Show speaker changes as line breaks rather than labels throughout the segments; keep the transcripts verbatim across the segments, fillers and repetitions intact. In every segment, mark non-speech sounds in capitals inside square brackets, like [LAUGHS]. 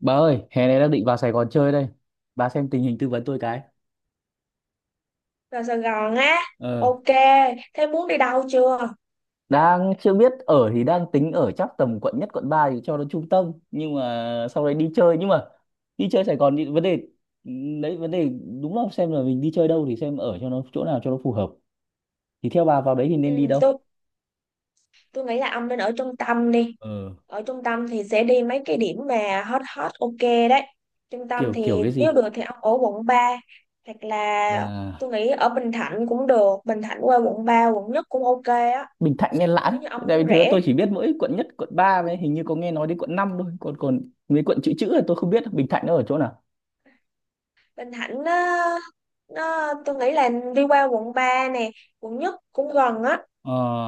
Bà ơi, hè này đang định vào Sài Gòn chơi đây. Bà xem tình hình tư vấn tôi cái.
Vào Sài Gòn á?
Ờ.
Ok, thế muốn đi đâu chưa?
Đang chưa biết ở, thì đang tính ở chắc tầm quận nhất quận ba thì cho nó trung tâm, nhưng mà sau đấy đi chơi nhưng mà đi chơi Sài Gòn thì vấn đề đấy vấn đề, đúng không, xem là mình đi chơi đâu thì xem ở cho nó chỗ nào cho nó phù hợp. Thì theo bà vào đấy thì
ừ,
nên đi đâu?
tôi tôi nghĩ là ông nên ở trung tâm đi.
Ờ,
Ở trung tâm thì sẽ đi mấy cái điểm mà hot hot ok đấy. Trung tâm
kiểu kiểu
thì
cái
nếu
gì?
được thì ông ở quận ba, hoặc là tôi
Bà,
nghĩ ở Bình Thạnh cũng được. Bình Thạnh qua quận ba, quận nhất cũng ok á,
Bình Thạnh hay Lãn?
nếu như ông
Tại
muốn
vì thứ
rẻ.
tôi chỉ biết mỗi quận nhất, quận ba với hình như có nghe nói đến quận năm thôi, còn còn mấy quận chữ chữ là tôi không biết Bình Thạnh nó ở chỗ nào.
Bình Thạnh nó, nó tôi nghĩ là đi qua quận ba nè, quận nhất cũng gần á,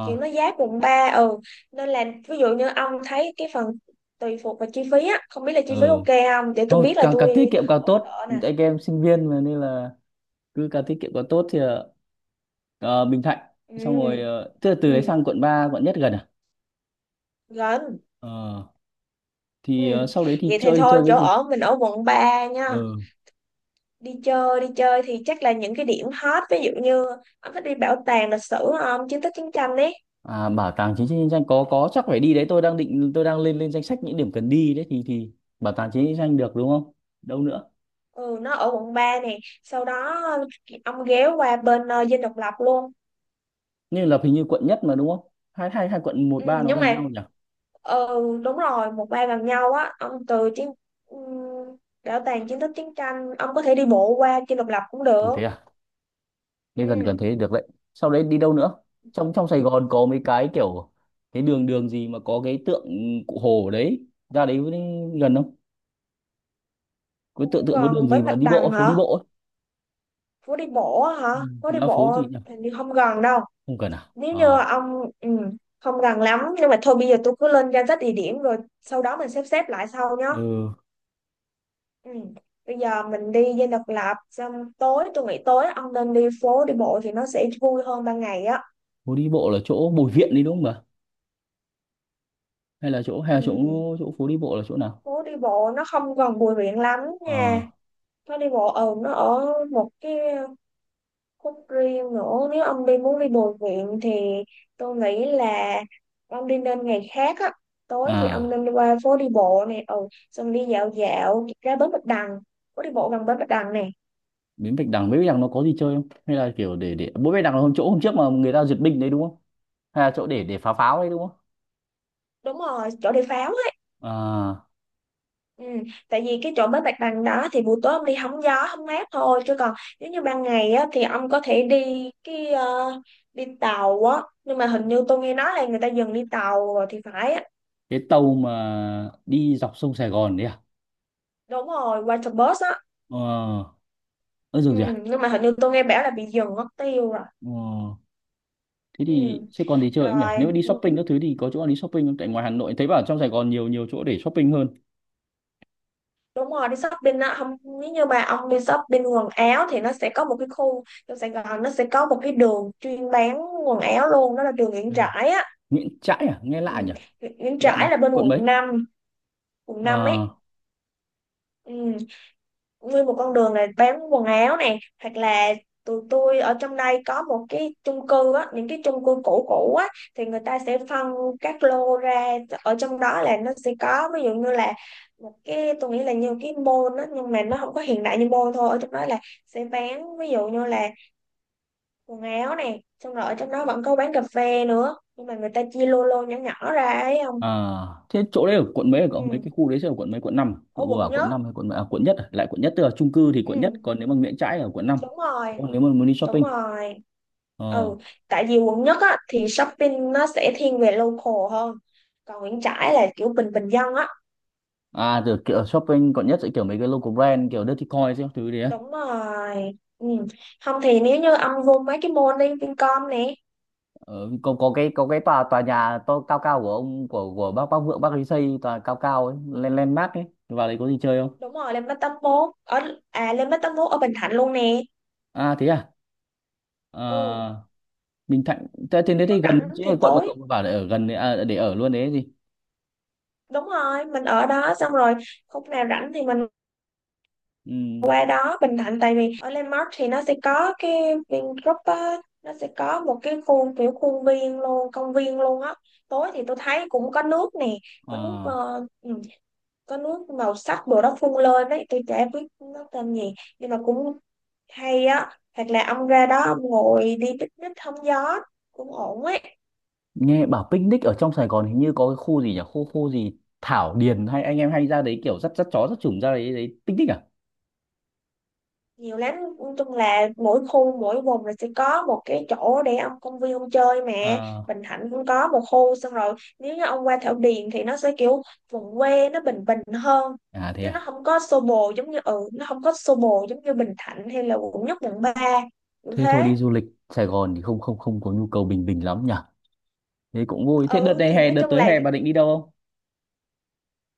kiểu nó giá quận ba. Ừ, nên là ví dụ như ông thấy cái phần, tùy thuộc vào chi phí á, không biết là chi phí
ừ.
ok không để tôi
Ô,
biết là
càng càng tiết
tôi
kiệm càng
hỗ
tốt,
trợ nè.
anh em sinh viên mà, nên là cứ càng tiết kiệm càng tốt thì ờ, ờ, Bình Thạnh xong rồi,
Ừ.
ờ, tức là từ
Ừ,
đấy sang quận ba quận nhất gần à.
gần.
Ờ,
Ừ,
thì ờ, sau đấy thì
vậy thì
chơi thì chơi
thôi
cái
chỗ
gì?
ở mình ở quận ba nha.
Ừ.
Đi chơi, đi chơi thì chắc là những cái điểm hot, ví dụ như ông thích đi bảo tàng lịch sử không, chiến tích chiến tranh ấy.
À, bảo tàng chính trị nhân danh có có chắc phải đi đấy. Tôi đang định, tôi đang lên lên danh sách những điểm cần đi đấy thì thì bảo tàng chính trị nhân danh được đúng không, đâu nữa?
Ừ, nó ở quận ba nè, sau đó ông ghé qua bên ờ, Dinh Độc Lập luôn.
Như là hình như quận nhất mà đúng không, hai hai hai quận một
Ừ
ba nó
nhưng
gần
mà,
nhau nhỉ.
ừ, đúng rồi, một ba gần nhau á, ông từ chiến, ừm, bảo tàng chiến tích chiến tranh, ông có thể đi bộ qua Chi Độc Lập cũng
Ủa
được.
thế, nên gần gần
Ừ,
thế được đấy. Sau đấy đi đâu nữa? Trong Trong Sài Gòn có mấy cái kiểu cái đường đường gì mà có cái tượng cụ Hồ ở đấy. Ra đấy với- gần không? Cái tượng
cũng
tượng có đường
gần
gì
bến
mà
Bạch
đi
Đằng
bộ, phố
hả?
đi bộ ấy.
Phố đi bộ á
Ừ,
hả? Phố đi
nó phố
bộ
gì nhỉ?
hình như không gần đâu.
Không cần à?
Nếu như
Ờ.
ông, ừ, không gần lắm, nhưng mà thôi bây giờ tôi cứ lên danh sách địa điểm rồi sau đó mình xếp xếp lại sau nhá.
Ừ,
Ừ. Bây giờ mình đi Dinh Độc Lập xong tối, tôi nghĩ tối ông nên đi phố đi bộ thì nó sẽ vui hơn ban ngày á.
phố đi bộ là chỗ Bùi Viện đi đúng không ạ? Hay là chỗ hay
Ừ.
là chỗ chỗ phố đi bộ là chỗ nào?
Phố đi bộ nó không còn Bùi Viện lắm
Ờ.
nha, nó đi bộ ở, nó ở một cái khúc riêng nữa. Nếu ông đi muốn đi Bùi Viện thì tôi nghĩ là ông đi nên ngày khác á. Tối thì ông
À,
nên đi qua phố đi bộ này, ừ, xong đi dạo dạo ra bến Bạch Đằng, phố đi bộ gần bến Bạch Đằng này.
Bến Bạch Đằng, Bến Bạch Đằng nó có gì chơi không? Hay là kiểu để để Bến Bạch Đằng là hôm chỗ hôm trước mà người ta duyệt binh đấy đúng không? Hay là chỗ để để phá pháo đấy đúng không?
Đúng rồi, chỗ đi pháo.
À,
Ừ, tại vì cái chỗ bến Bạch Đằng đó thì buổi tối ông đi hóng gió hóng mát thôi, chứ còn nếu như ban ngày á, thì ông có thể đi cái ờ, đi tàu á, nhưng mà hình như tôi nghe nói là người ta dừng đi tàu rồi thì phải á.
cái tàu mà đi dọc sông Sài Gòn đấy à?
Đúng rồi, water bus á.
Ờ ơ
Ừ,
dường gì à?
nhưng mà hình như tôi nghe bảo là bị dừng mất tiêu rồi.
ờ Thế
Ừ,
thì sẽ còn gì chơi không nhỉ, nếu mà
rồi,
đi
ừ,
shopping các thứ thì có chỗ nào đi shopping không, tại ngoài Hà Nội thấy bảo trong Sài Gòn nhiều nhiều chỗ để shopping hơn.
đúng rồi, đi shopping á. Không, nếu như mà ông đi shopping quần áo thì nó sẽ có một cái khu, trong Sài Gòn nó sẽ có một cái đường chuyên bán quần áo luôn, đó là đường Nguyễn
À.
Trãi á.
Nguyễn Trãi à, nghe
Ừ.
lạ nhỉ.
Nguyễn
Đoạn nào,
Trãi là bên
quận
quận
mấy?
năm, cùng năm
ờ
ấy. Ừ, nguyên một con đường này bán quần áo này, hoặc là tụi tôi ở trong đây có một cái chung cư á, những cái chung cư cũ cũ á, thì người ta sẽ phân các lô ra, ở trong đó là nó sẽ có, ví dụ như là một cái, tôi nghĩ là như cái mall á nhưng mà nó không có hiện đại như mall thôi. Ở trong đó là sẽ bán ví dụ như là quần áo này, xong rồi ở trong đó vẫn có bán cà phê nữa, nhưng mà người ta chia lô, lô nhỏ nhỏ ra ấy. Không,
À, thế chỗ đấy ở quận mấy, ở
ừ,
cậu mấy cái khu đấy sẽ ở quận mấy, quận năm à?
ở
Cậu vừa
quận
bảo
nhất.
quận năm hay quận mấy? À, quận nhất à? Lại quận nhất, tức là chung cư thì quận nhất
Ừ,
còn nếu mà Nguyễn Trãi ở quận năm.
đúng rồi.
Còn nếu mà muốn đi
Đúng
shopping,
rồi.
ờ
Ừ, tại vì quận nhất á, thì shopping nó sẽ thiên về local hơn, còn Nguyễn Trãi là kiểu bình bình dân á.
à, rồi kiểu shopping quận nhất sẽ kiểu mấy cái local brand kiểu Dirty Coin các thứ đấy á.
Đúng rồi. Ừ, không thì nếu như ông vô mấy cái mall, đi Vincom nè.
Ờ, có có cái có cái tòa tòa nhà to cao cao của ông, của của bác, bác Vượng bác ấy xây tòa cao cao ấy, lên lên mát ấy, vào đấy có gì chơi không?
Đúng rồi, lên mấy tấm mốt ở, à, lên mấy tấm mốt ở Bình Thạnh luôn nè.
À thế à. Ờ,
Ừ.
Bình Thạnh thế thế đấy
Nếu
thì gần
rảnh
chứ,
thì
là quận mà
tối,
cậu bảo để ở gần đấy à, để ở luôn đấy ấy gì.
đúng rồi, mình ở đó xong rồi khúc nào rảnh thì mình
Ừ.
qua đó Bình Thạnh, tại vì ở Landmark thì nó sẽ có cái Vingroup á, nó sẽ có một cái khu kiểu khuôn viên luôn, công viên luôn á. Tối thì tôi thấy cũng có nước nè, có nước
À,
ờ, ừ, có nước màu sắc đồ đó phun lên đấy, tôi chả biết nó tên gì nhưng mà cũng hay á. Hoặc là ông ra đó ông ngồi đi picnic hóng gió cũng ổn ấy.
nghe bảo picnic ở trong Sài Gòn hình như có cái khu gì nhỉ, khu khu gì Thảo Điền hay anh em hay ra đấy kiểu dắt dắt chó dắt chủng ra đấy đấy picnic à?
Nhiều lắm, nói chung là mỗi khu mỗi vùng là sẽ có một cái chỗ để ông, công viên ông chơi mà.
à
Bình Thạnh cũng có một khu, xong rồi nếu như ông qua Thảo Điền thì nó sẽ kiểu vùng quê, nó bình bình hơn,
À thế
chứ nó
à.
không có xô bồ giống như, ừ, nó không có xô bồ giống như Bình Thạnh hay là quận nhất quận ba cũng
Thế thôi,
thế.
đi du lịch Sài Gòn thì không không không có nhu cầu bình bình lắm nhỉ. Thế cũng vui. Thế đợt
Ừ
này
thì
hè
nói
đợt
chung
tới
là
hè bà định đi đâu không?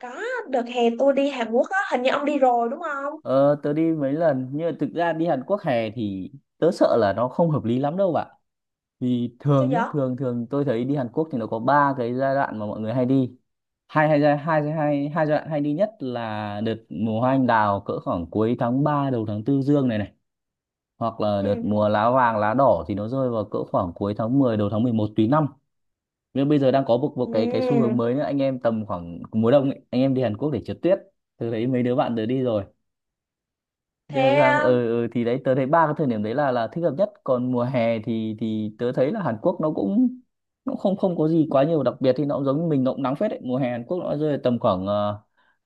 có, đợt hè tôi đi Hàn Quốc á, hình như ông đi rồi đúng không?
Ờ, tớ đi mấy lần nhưng mà thực ra đi Hàn Quốc hè thì tớ sợ là nó không hợp lý lắm đâu bạn. Vì
Sao
thường
vậy?
nhá thường thường tôi thấy đi Hàn Quốc thì nó có ba cái giai đoạn mà mọi người hay đi. Hai hai giai hai giai- hai hai giai đoạn hay đi nhất là đợt mùa hoa anh đào cỡ khoảng cuối tháng ba đầu tháng tư dương này này. Hoặc là đợt
Ừ.
mùa lá vàng lá đỏ thì nó rơi vào cỡ khoảng cuối tháng mười đầu tháng mười một tùy năm. Nhưng bây giờ đang có một một cái cái xu
Ừ.
hướng mới nữa, anh em tầm khoảng mùa đông ấy, anh em đi Hàn Quốc để trượt tuyết. Tôi thấy mấy đứa bạn tớ đi rồi. Thế là sang,
Thế.
ờ ừ, thì đấy tớ thấy ba cái thời điểm đấy là là thích hợp nhất. Còn mùa hè thì thì tớ thấy là Hàn Quốc nó cũng, nó không không có gì quá nhiều đặc biệt, thì nó cũng giống như mình, nó cũng nắng phết đấy. Mùa hè Hàn Quốc nó rơi tầm khoảng ờ,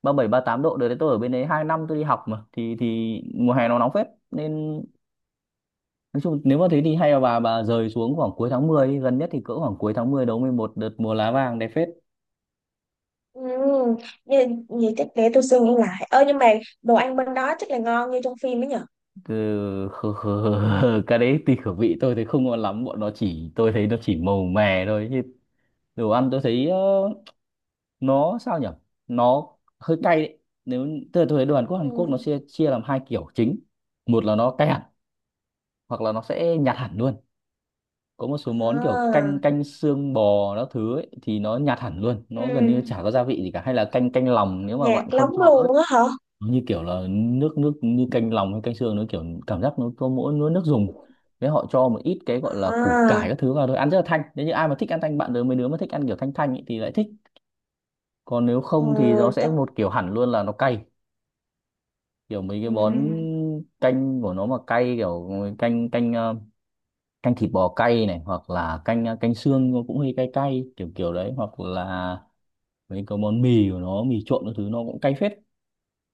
ba bảy ba tám độ đấy đấy. Tôi ở bên đấy hai năm tôi đi học mà, thì thì mùa hè nó nóng phết, nên nói chung nếu mà thế thì hay là bà bà rời xuống khoảng cuối tháng mười đi. Gần nhất thì cỡ khoảng cuối tháng mười đầu mười một đợt mùa lá vàng đẹp phết.
Ừ, như, như chắc để tôi suy nghĩ lại. Ơ nhưng mà đồ ăn bên đó chắc là ngon như trong phim ấy nhở.
Ừ, [LAUGHS] cái đấy tùy khẩu vị, tôi thấy không ngon lắm. Bọn nó chỉ, tôi thấy nó chỉ màu mè thôi chứ. Đồ ăn tôi thấy ờ, nó sao nhỉ, nó hơi cay đấy. Nếu, tức là tôi thấy đồ Hàn Quốc, Hàn Quốc
Ừ.
nó chia chia làm hai kiểu chính. Một là nó cay hẳn, hoặc là nó sẽ nhạt hẳn luôn. Có một số món kiểu canh,
À,
canh xương bò các thứ ấy, thì nó nhạt hẳn luôn, nó gần
ừ,
như chả có gia vị gì cả. Hay là canh, canh lòng, nếu mà
nhạc
bạn không
lóng
cho ớt,
luôn á hả?
nó như kiểu là nước nước, như canh lòng hay canh xương, nó kiểu cảm giác nó có mỗi nó nước dùng. Nếu họ cho một ít cái gọi là củ
À,
cải các thứ vào thôi, ăn rất là thanh, nếu như ai mà thích ăn thanh, bạn đứa mấy đứa mà thích ăn kiểu thanh thanh ấy thì lại thích. Còn nếu
ừ,
không thì nó
th
sẽ một kiểu hẳn luôn là nó cay, kiểu mấy cái
ừ.
món canh của nó mà cay, kiểu canh, canh ờ, canh thịt bò cay này, hoặc là canh ờ, canh xương nó cũng hơi cay cay, kiểu kiểu đấy, hoặc là mấy cái món mì của nó, mì trộn các thứ nó cũng cay phết.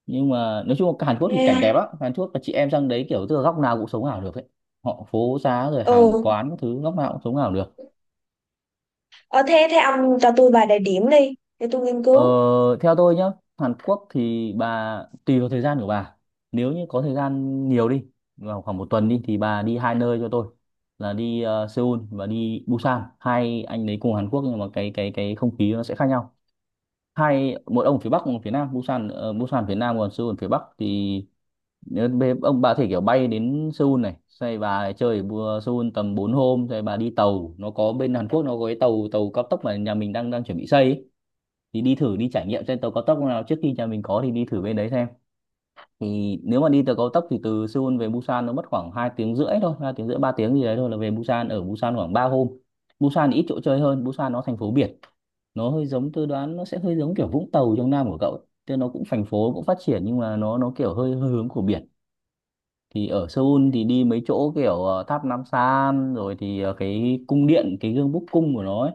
Nhưng mà nói chung là Hàn Quốc thì cảnh đẹp
Nghe,
lắm. Hàn Quốc là chị em sang đấy kiểu tức là góc nào cũng sống ảo được ấy. Họ phố xá rồi hàng
ừ.
quán các thứ, góc nào cũng sống ảo được.
Ờ, thế thế ông cho tôi vài địa điểm đi, để tôi nghiên
Ờ,
cứu.
theo tôi nhá, Hàn Quốc thì bà tùy vào thời gian của bà. Nếu như có thời gian nhiều đi, vào khoảng một tuần đi, thì bà đi hai nơi cho tôi là đi ờ, Seoul và đi Busan. Hai anh đấy cùng Hàn Quốc nhưng mà cái cái cái không khí nó sẽ khác nhau. Hai, một ông ở phía Bắc, một ở phía Nam. Busan ờ, Busan phía Nam, còn Seoul phía Bắc thì nếu bê- ông bà có thể kiểu bay đến Seoul này, xoay bà chơi ở Bu- Seoul tầm bốn hôm, rồi bà đi tàu. Nó có, bên Hàn Quốc nó có cái tàu tàu cao tốc mà nhà mình đang đang chuẩn bị xây ấy, thì đi thử đi trải nghiệm trên tàu cao tốc nào trước khi nhà mình có, thì đi thử bên đấy xem. Thì nếu mà đi tàu cao tốc thì từ Seoul về Busan nó mất khoảng hai tiếng rưỡi thôi, hai tiếng rưỡi ba tiếng gì đấy thôi, là về Busan. Ở Busan khoảng ba hôm. Busan thì ít chỗ chơi hơn, Busan nó thành phố biển. Nó hơi giống, tôi đoán nó sẽ hơi giống kiểu Vũng Tàu trong Nam của cậu ấy. Tức là nó cũng thành phố cũng phát triển nhưng mà nó nó kiểu hơi, hơi hướng của biển. Thì ở Seoul thì đi mấy chỗ kiểu ờ, tháp Nam San, rồi thì ờ, cái cung điện, cái gương búc cung của nó ấy,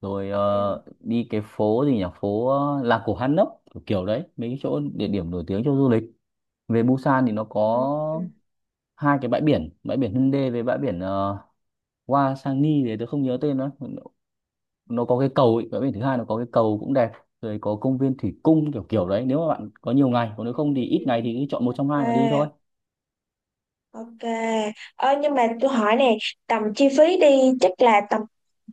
rồi
Ừ.
ờ, đi cái phố gì nhỉ, phố ờ, làng cổ Hanok kiểu, kiểu đấy, mấy cái chỗ địa điểm nổi tiếng cho du lịch. Về Busan thì nó
Ừ.
có hai cái bãi biển, bãi biển Hyundai với bãi biển ờ, Hwasangi đấy, tôi không nhớ tên nữa. Nó có cái cầu ấy. Bãi biển thứ hai nó có cái cầu cũng đẹp, rồi có công viên thủy cung, kiểu kiểu đấy. Nếu mà bạn có nhiều ngày, còn nếu không thì ít ngày thì cứ chọn một trong hai mà đi thôi.
Ok. Ok. Ờ nhưng mà tôi hỏi nè, tầm chi phí đi chắc là tầm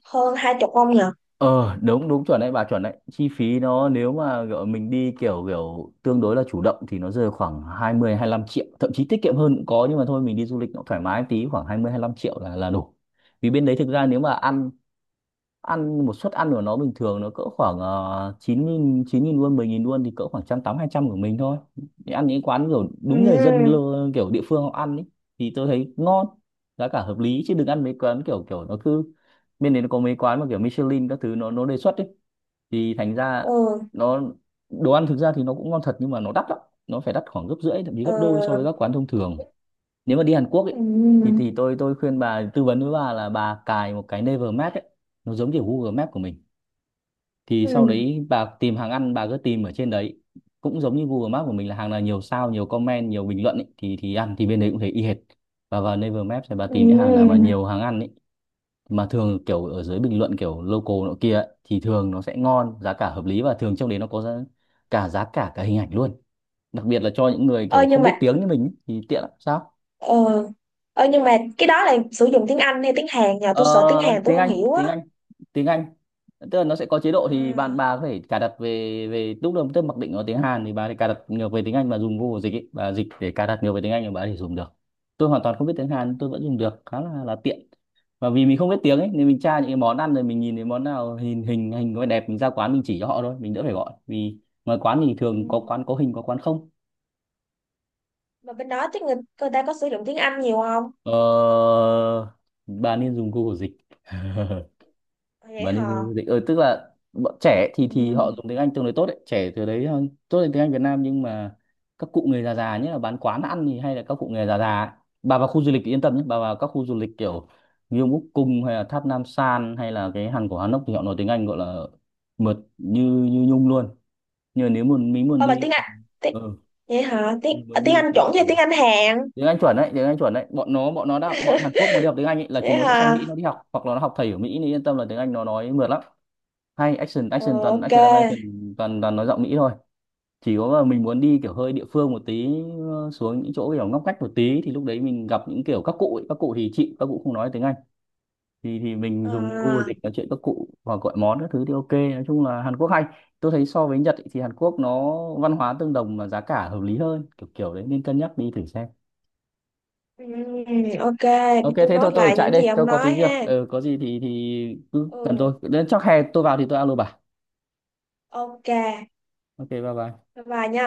hơn hai chục không nhở?
Ờ, đúng đúng chuẩn đấy bà, chuẩn đấy. Chi phí nó nếu mà kiểu mình đi kiểu kiểu tương đối là chủ động thì nó rơi khoảng hai mươi lăm triệu, thậm chí tiết kiệm hơn cũng có, nhưng mà thôi, mình đi du lịch nó thoải mái tí, khoảng hai mươi lăm triệu là là đủ. Vì bên đấy thực ra nếu mà ăn, ăn một suất ăn của nó bình thường nó cỡ khoảng uh, chín nghìn chín nghìn won, mười nghìn won, thì cỡ khoảng trăm tám, hai trăm của mình thôi. Đi ăn những quán kiểu đúng người dân
Ừ.
lơ- kiểu địa phương họ ăn ấy thì tôi thấy ngon, giá cả hợp lý, chứ đừng ăn mấy quán kiểu kiểu nó cứ, bên đấy nó có mấy quán mà kiểu Michelin các thứ nó nó đề xuất ấy, thì thành ra
Ừ.
nó, đồ ăn thực ra thì nó cũng ngon thật nhưng mà nó đắt lắm, nó phải đắt khoảng gấp rưỡi, thậm chí
Ờ.
gấp đôi so với các quán thông thường. Nếu mà đi Hàn Quốc ấy, thì
Ừ,
thì tôi tôi khuyên bà, tư vấn với bà là bà cài một cái Naver Map ấy, nó giống như Google Map của mình. Thì
ừ,
sau đấy bà tìm hàng ăn, bà cứ tìm ở trên đấy, cũng giống như Google Map của mình là hàng nào nhiều sao, nhiều comment, nhiều bình luận ấy, thì thì ăn thì bên đấy cũng thấy y hệt. Và vào Naver Map thì bà
ừ.
tìm những hàng nào mà nhiều hàng ăn ấy, mà thường kiểu ở dưới bình luận kiểu local nọ kia ấy, thì thường nó sẽ ngon, giá cả hợp lý, và thường trong đấy nó có giá, cả giá cả, cả hình ảnh luôn. Đặc biệt là cho những người
Ờ,
kiểu
nhưng
không biết
mà
tiếng như mình ấy, thì tiện lắm sao.
ờ, ờ, nhưng mà cái đó là sử dụng tiếng Anh hay tiếng Hàn nhờ? Tôi sợ tiếng
Ờ,
Hàn tôi
tiếng
không
Anh,
hiểu
tiếng
á.
Anh tiếng Anh Tức là nó sẽ có chế độ, thì bạn
À,
bà có thể cài đặt về, về lúc đầu tức mặc định nó tiếng Hàn, thì bà thì cài đặt ngược về tiếng Anh và dùng Google dịch ấy. Bà dịch để cài đặt ngược về tiếng Anh thì bà thì dùng được. Tôi hoàn toàn không biết tiếng Hàn, tôi vẫn dùng được, khá là là tiện. Và vì mình không biết tiếng ấy nên mình tra những cái món ăn, rồi mình nhìn thấy món nào hình hình hình có vẻ đẹp, mình ra quán mình chỉ cho họ thôi, mình đỡ phải gọi, vì ngoài quán thì thường có
ừm,
quán có hình, có quán không.
mà bên đó chắc người, người ta có sử dụng tiếng Anh nhiều không?
ờ, bà nên dùng Google dịch. [LAUGHS]
À, vậy
Và
hả?
nên dịch, ờ, tức là bọn trẻ thì thì họ
Ừm.
dùng tiếng Anh tương đối tốt đấy, trẻ từ đấy ờ, tốt lên tiếng Anh Việt Nam, nhưng mà các cụ người già, già nhất là bán quán ăn thì hay là các cụ người già già ấy. Bà vào khu du lịch thì yên tâm nhé, bà vào các khu du lịch kiểu Gyeonguk Úc Cung, hay là Tháp Nam San, hay là cái hang của Hanok, thì họ nói tiếng Anh gọi là mượt như như nhung luôn. Nhưng mà nếu muốn, mình muốn
Ờ mà
đi,
tiếng Anh, tiếng,
ừ,
vậy hả? Tiếng
mình
ờ,
muốn
tiếng
đi
Anh
kiểu,
chuẩn hay
ừ,
tiếng Anh Hàn?
tiếng Anh chuẩn đấy, tiếng Anh chuẩn đấy. Bọn nó bọn nó đã, bọn Hàn Quốc mà đi học tiếng Anh ấy, là
[LAUGHS]
chúng
Vậy
nó sẽ sang Mỹ
hả?
nó đi học, hoặc là nó học thầy ở Mỹ, thì yên tâm là tiếng Anh nó nói mượt lắm. Hay action,
Ờ,
action toàn
ok.
action American, toàn toàn nói giọng Mỹ thôi. Chỉ có là mình muốn đi kiểu hơi địa phương một tí, ờ, xuống những chỗ kiểu ngóc ngách một tí, thì lúc đấy mình gặp những kiểu các cụ ấy. Các cụ thì chị, các cụ không nói tiếng Anh, thì thì mình dùng Google
À,
dịch nói chuyện các cụ, hoặc gọi món các thứ thì ok. Nói chung là Hàn Quốc hay, tôi thấy so với Nhật ấy, thì Hàn Quốc nó văn hóa tương đồng mà giá cả hợp lý hơn, kiểu kiểu đấy, nên cân nhắc đi thử xem.
ừm, ok,
Ok
tôi
thế thôi,
nốt
tôi phải
lại
chạy
những gì
đây,
ông
tôi có tí
nói
việc,
ha.
ừ, có gì thì thì cứ cần tôi,
Ừ.
đến chắc hè tôi vào thì tôi alo bà.
Ok,
Ok, bye bye.
bye bye nha.